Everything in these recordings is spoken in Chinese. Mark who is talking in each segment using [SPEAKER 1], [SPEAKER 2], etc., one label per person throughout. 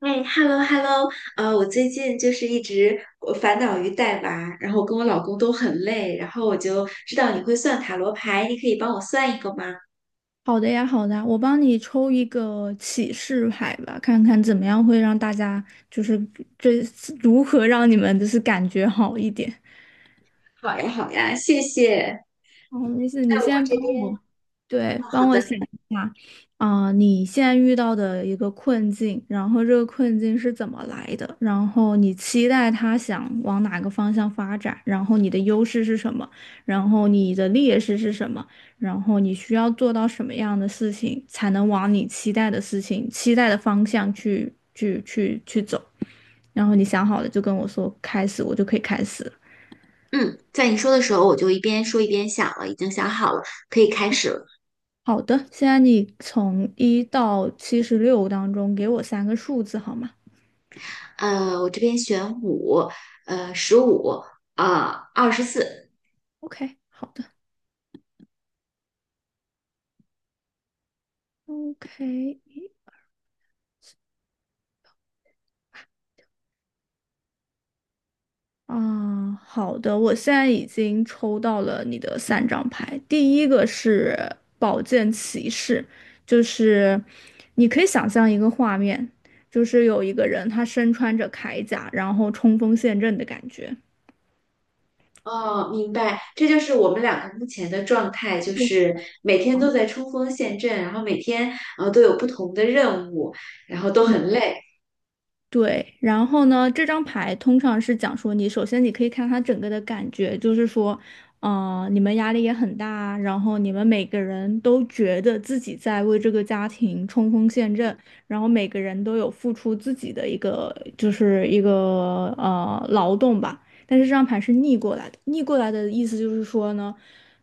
[SPEAKER 1] 哎，hello hello。我最近就是一直我烦恼于带娃，然后我跟我老公都很累，然后我就知道你会算塔罗牌，你可以帮我算一个吗？
[SPEAKER 2] 好的呀，好的呀，我帮你抽一个启示牌吧，看看怎么样会让大家就是这如何让你们就是感觉好一点。
[SPEAKER 1] 好呀好呀，谢谢。
[SPEAKER 2] 哦，没事，你
[SPEAKER 1] 那我
[SPEAKER 2] 先
[SPEAKER 1] 这
[SPEAKER 2] 帮
[SPEAKER 1] 边，
[SPEAKER 2] 我，对，
[SPEAKER 1] 哦，好
[SPEAKER 2] 帮我想
[SPEAKER 1] 的。
[SPEAKER 2] 一下，你现在遇到的一个困境，然后这个困境是怎么来的？然后你期待它想往哪个方向发展？然后你的优势是什么？然后你的劣势是什么？然后你需要做到什么样的事情，才能往你期待的事情、期待的方向去走？然后你想好了就跟我说开始，我就可以开始了。
[SPEAKER 1] 嗯，在你说的时候，我就一边说一边想了，已经想好了，可以开始了。
[SPEAKER 2] 好的，现在你从一到76当中给我三个数字好吗
[SPEAKER 1] 我这边选五，15，24。
[SPEAKER 2] ？OK，好的，OK，啊，好的，我现在已经抽到了你的三张牌，第一个是宝剑骑士，就是你可以想象一个画面，就是有一个人他身穿着铠甲，然后冲锋陷阵的感觉。
[SPEAKER 1] 哦，明白，这就是我们两个目前的状态，就是每天都在冲锋陷阵，然后每天都有不同的任务，然后都
[SPEAKER 2] 对
[SPEAKER 1] 很累。
[SPEAKER 2] 对，然后呢，这张牌通常是讲说你，首先你可以看它整个的感觉，就是说，你们压力也很大，然后你们每个人都觉得自己在为这个家庭冲锋陷阵，然后每个人都有付出自己的一个，就是一个劳动吧。但是这张牌是逆过来的，逆过来的意思就是说呢。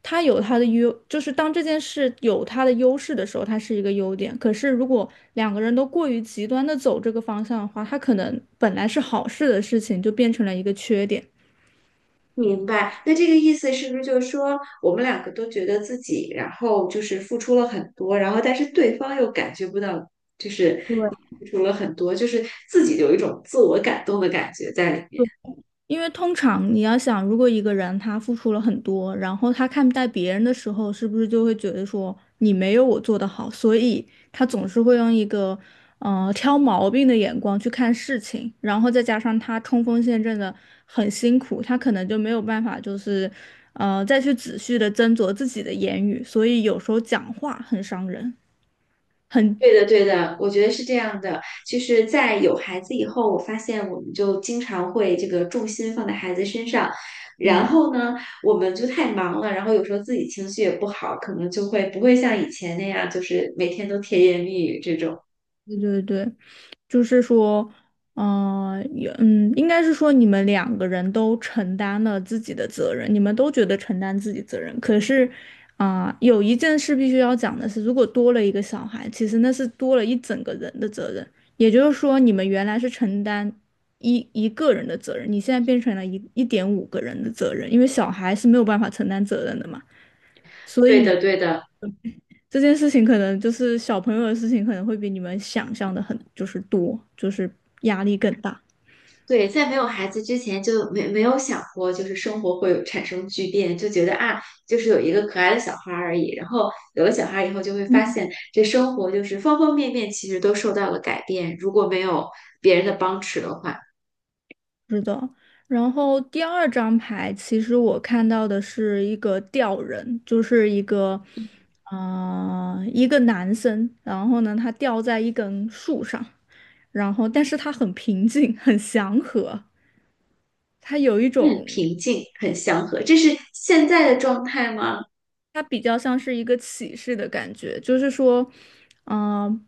[SPEAKER 2] 它有它的优，就是当这件事有它的优势的时候，它是一个优点。可是如果两个人都过于极端的走这个方向的话，它可能本来是好事的事情，就变成了一个缺点。
[SPEAKER 1] 明白，那这个意思是不是就是说我们两个都觉得自己，然后就是付出了很多，然后但是对方又感觉不到，就是
[SPEAKER 2] 对，
[SPEAKER 1] 付出了很多，就是自己有一种自我感动的感觉在里面。
[SPEAKER 2] 因为通常你要想，如果一个人他付出了很多，然后他看待别人的时候，是不是就会觉得说你没有我做得好，所以他总是会用一个挑毛病的眼光去看事情，然后再加上他冲锋陷阵的很辛苦，他可能就没有办法就是再去仔细的斟酌自己的言语，所以有时候讲话很伤人，很，
[SPEAKER 1] 对的，对的，我觉得是这样的。就是在有孩子以后，我发现我们就经常会这个重心放在孩子身上，然
[SPEAKER 2] 嗯，
[SPEAKER 1] 后呢，我们就太忙了，然后有时候自己情绪也不好，可能就会不会像以前那样，就是每天都甜言蜜语这种。
[SPEAKER 2] 对对对。就是说，也应该是说你们两个人都承担了自己的责任，你们都觉得承担自己责任。可是，有一件事必须要讲的是，如果多了一个小孩，其实那是多了一整个人的责任。也就是说，你们原来是承担一个人的责任，你现在变成了一点五个人的责任，因为小孩是没有办法承担责任的嘛。所
[SPEAKER 1] 对
[SPEAKER 2] 以
[SPEAKER 1] 的，对的。
[SPEAKER 2] 这件事情可能就是小朋友的事情，可能会比你们想象的很就是多，就是压力更大。
[SPEAKER 1] 对，在没有孩子之前就没有想过，就是生活会有产生巨变，就觉得啊，就是有一个可爱的小孩儿而已。然后有了小孩以后，就会发
[SPEAKER 2] 嗯，
[SPEAKER 1] 现这生活就是方方面面其实都受到了改变。如果没有别人的帮持的话，
[SPEAKER 2] 是的，然后第二张牌，其实我看到的是一个吊人，就是一个，一个男生，然后呢，他吊在一根树上，然后但是他很平静，很祥和，他有一
[SPEAKER 1] 嗯，
[SPEAKER 2] 种，
[SPEAKER 1] 平静很祥和，这是现在的状态吗？
[SPEAKER 2] 他比较像是一个启示的感觉，就是说，嗯、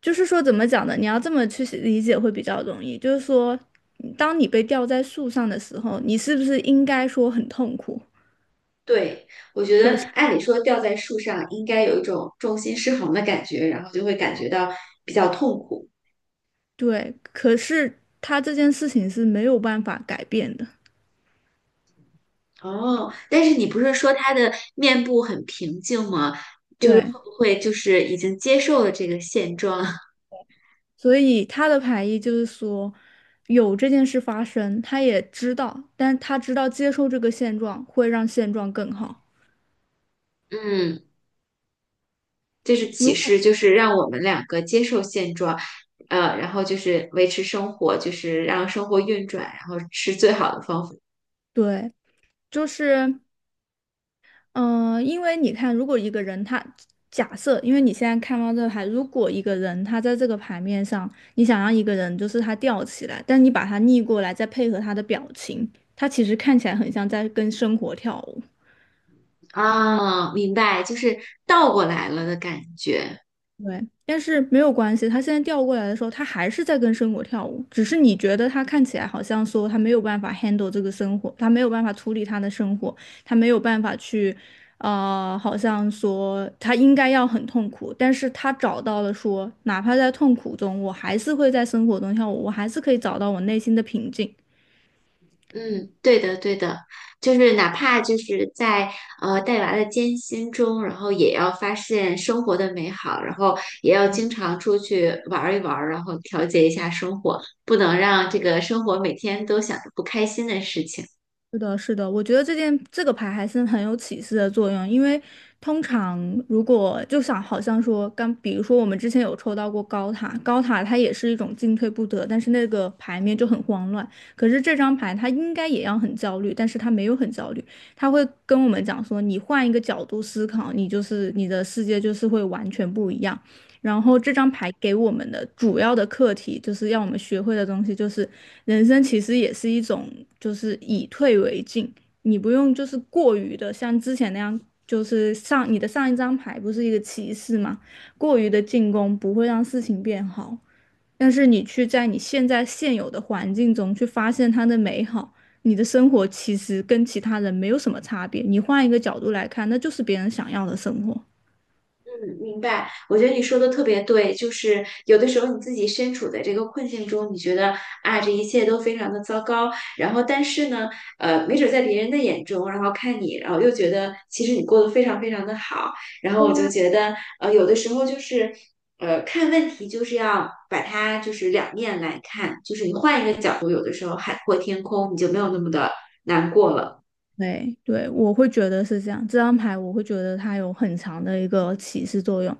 [SPEAKER 2] 就是说怎么讲呢？你要这么去理解会比较容易。就是说，当你被吊在树上的时候，你是不是应该说很痛苦？
[SPEAKER 1] 对，我觉
[SPEAKER 2] 可
[SPEAKER 1] 得
[SPEAKER 2] 是，
[SPEAKER 1] 按理说吊在树上应该有一种重心失衡的感觉，然后就会感
[SPEAKER 2] 对，
[SPEAKER 1] 觉到比较痛苦。
[SPEAKER 2] 对，可是他这件事情是没有办法改变的。
[SPEAKER 1] 哦，但是你不是说他的面部很平静吗？
[SPEAKER 2] 对，
[SPEAKER 1] 会就是已经接受了这个现状，
[SPEAKER 2] 所以他的排异就是说，有这件事发生，他也知道，但他知道接受这个现状会让现状更好。
[SPEAKER 1] 嗯，这是
[SPEAKER 2] 如
[SPEAKER 1] 启
[SPEAKER 2] 果
[SPEAKER 1] 示，就是让我们两个接受现状，然后就是维持生活，就是让生活运转，然后是最好的方法。
[SPEAKER 2] 对，就是。嗯，因为你看，如果一个人他假设，因为你现在看到这个牌，如果一个人他在这个牌面上，你想让一个人就是他吊起来，但你把他逆过来，再配合他的表情，他其实看起来很像在跟生活跳舞。
[SPEAKER 1] 啊，明白，就是倒过来了的感觉。
[SPEAKER 2] 对，但是没有关系，他现在调过来的时候，他还是在跟生活跳舞，只是你觉得他看起来好像说他没有办法 handle 这个生活，他没有办法处理他的生活，他没有办法去，好像说他应该要很痛苦，但是他找到了说，哪怕在痛苦中，我还是会在生活中跳舞，我还是可以找到我内心的平静。
[SPEAKER 1] 嗯，对的，对的，就是哪怕就是在带娃的艰辛中，然后也要发现生活的美好，然后也要经常出去玩儿一玩儿，然后调节一下生活，不能让这个生活每天都想着不开心的事情。
[SPEAKER 2] 是的，是的，我觉得这件这个牌还是很有启示的作用，因为通常如果就想好像说刚，比如说我们之前有抽到过高塔，高塔它也是一种进退不得，但是那个牌面就很慌乱。可是这张牌它应该也要很焦虑，但是它没有很焦虑，它会跟我们讲说，你换一个角度思考，你就是你的世界就是会完全不一样。然后这张牌给我们的主要的课题，就是要我们学会的东西，就是人生其实也是一种，就是以退为进，你不用就是过于的像之前那样，就是上你的上一张牌不是一个骑士吗？过于的进攻不会让事情变好，但是你去在你现在现有的环境中去发现它的美好。你的生活其实跟其他人没有什么差别，你换一个角度来看，那就是别人想要的生活。
[SPEAKER 1] 嗯，明白。我觉得你说的特别对，就是有的时候你自己身处在这个困境中，你觉得啊，这一切都非常的糟糕。然后，但是呢，没准在别人的眼中，然后看你，然后又觉得其实你过得非常非常的好。然后我就觉得，有的时候就是，看问题就是要把它就是两面来看，就是你换一个角度，有的时候海阔天空，你就没有那么的难过了。
[SPEAKER 2] 对对，我会觉得是这样。这张牌我会觉得它有很强的一个启示作用。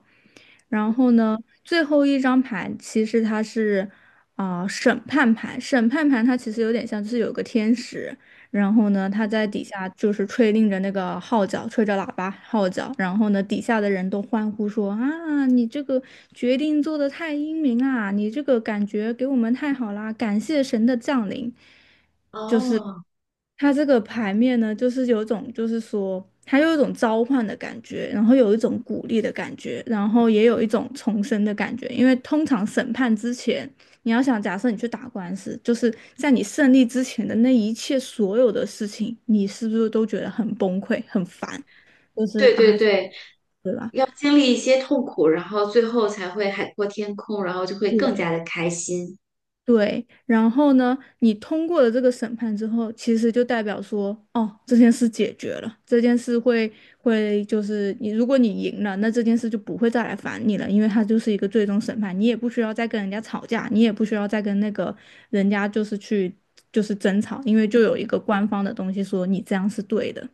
[SPEAKER 2] 然后呢，最后一张牌其实它是审判牌，审判牌它其实有点像就是有个天使，然后呢他在
[SPEAKER 1] 嗯
[SPEAKER 2] 底下就是吹令着那个号角，吹着喇叭号角，然后呢底下的人都欢呼说啊，你这个决定做得太英明啊，你这个感觉给我们太好啦，感谢神的降临。
[SPEAKER 1] 哦，
[SPEAKER 2] 它这个牌面呢，就是有一种，就是说，它有一种召唤的感觉，然后有一种鼓励的感觉，然后也有一种重生的感觉。因为通常审判之前，你要想，假设你去打官司，就是在你胜利之前的那一切所有的事情，你是不是都觉得很崩溃、很烦？就是
[SPEAKER 1] 对对
[SPEAKER 2] 啊，
[SPEAKER 1] 对，
[SPEAKER 2] 对吧？
[SPEAKER 1] 经历一些痛苦，然后最后才会海阔天空，然后就会更加的开心。
[SPEAKER 2] 对，然后呢，你通过了这个审判之后，其实就代表说，哦，这件事解决了，这件事会就是你，如果你赢了，那这件事就不会再来烦你了，因为它就是一个最终审判，你也不需要再跟人家吵架，你也不需要再跟那个人家就是去就是争吵，因为就有一个官方的东西说你这样是对的。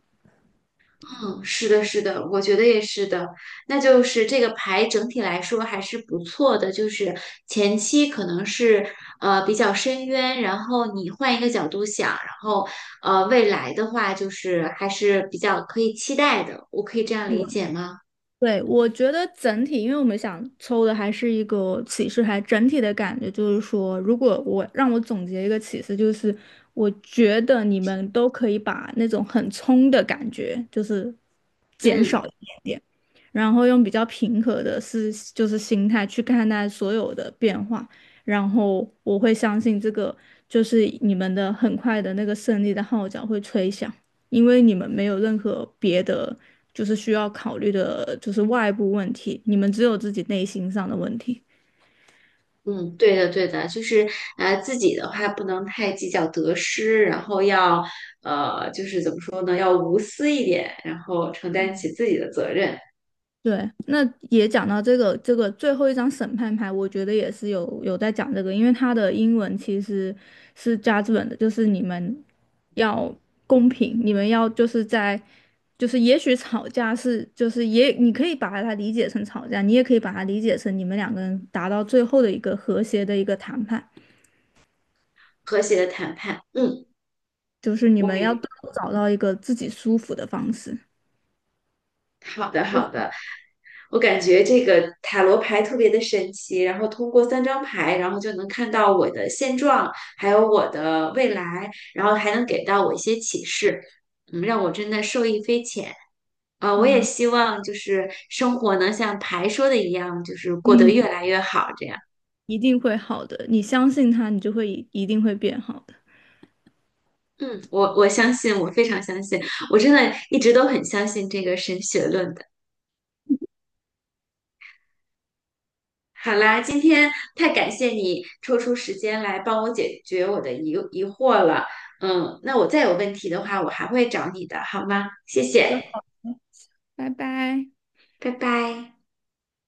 [SPEAKER 1] 嗯，是的，是的，我觉得也是的。那就是这个牌整体来说还是不错的，就是前期可能是比较深渊，然后你换一个角度想，然后未来的话就是还是比较可以期待的。我可以这样理解吗？
[SPEAKER 2] 对，我觉得整体，因为我们想抽的还是一个启示牌，整体的感觉就是说，如果我让我总结一个启示，就是我觉得你们都可以把那种很冲的感觉，就是减少
[SPEAKER 1] 嗯。
[SPEAKER 2] 一点点，然后用比较平和的就是心态去看待所有的变化，然后我会相信这个就是你们的很快的那个胜利的号角会吹响。因为你们没有任何别的就是需要考虑的，就是外部问题，你们只有自己内心上的问题。
[SPEAKER 1] 嗯，对的，对的，就是自己的话不能太计较得失，然后要就是怎么说呢，要无私一点，然后承担起自己的责任，
[SPEAKER 2] 对，那也讲到这个最后一张审判牌，我觉得也是有在讲这个，因为它的英文其实是 JUD 的，就是你们要公平，你们要就是在就是也许吵架是就是也你可以把它理解成吵架，你也可以把它理解成你们两个人达到最后的一个和谐的一个谈判。
[SPEAKER 1] 和谐的谈判。嗯，
[SPEAKER 2] 就是你
[SPEAKER 1] 我
[SPEAKER 2] 们要
[SPEAKER 1] 明
[SPEAKER 2] 都找到一个自己舒服的方式，
[SPEAKER 1] 好的，好的，我感觉这个塔罗牌特别的神奇，然后通过3张牌，然后就能看到我的现状，还有我的未来，然后还能给到我一些启示，嗯，让我真的受益匪浅。我也希望就是生活能像牌说的一样，就是过得
[SPEAKER 2] 嗯，
[SPEAKER 1] 越来越好，这样。
[SPEAKER 2] 一定会好的。你相信他，你就会一定会变好的。
[SPEAKER 1] 嗯，我相信，我非常相信，我真的一直都很相信这个神学论的。好啦，今天太感谢你抽出时间来帮我解决我的疑惑了。嗯，那我再有问题的话，我还会找你的，好吗？谢谢，
[SPEAKER 2] 拜拜。
[SPEAKER 1] 拜拜。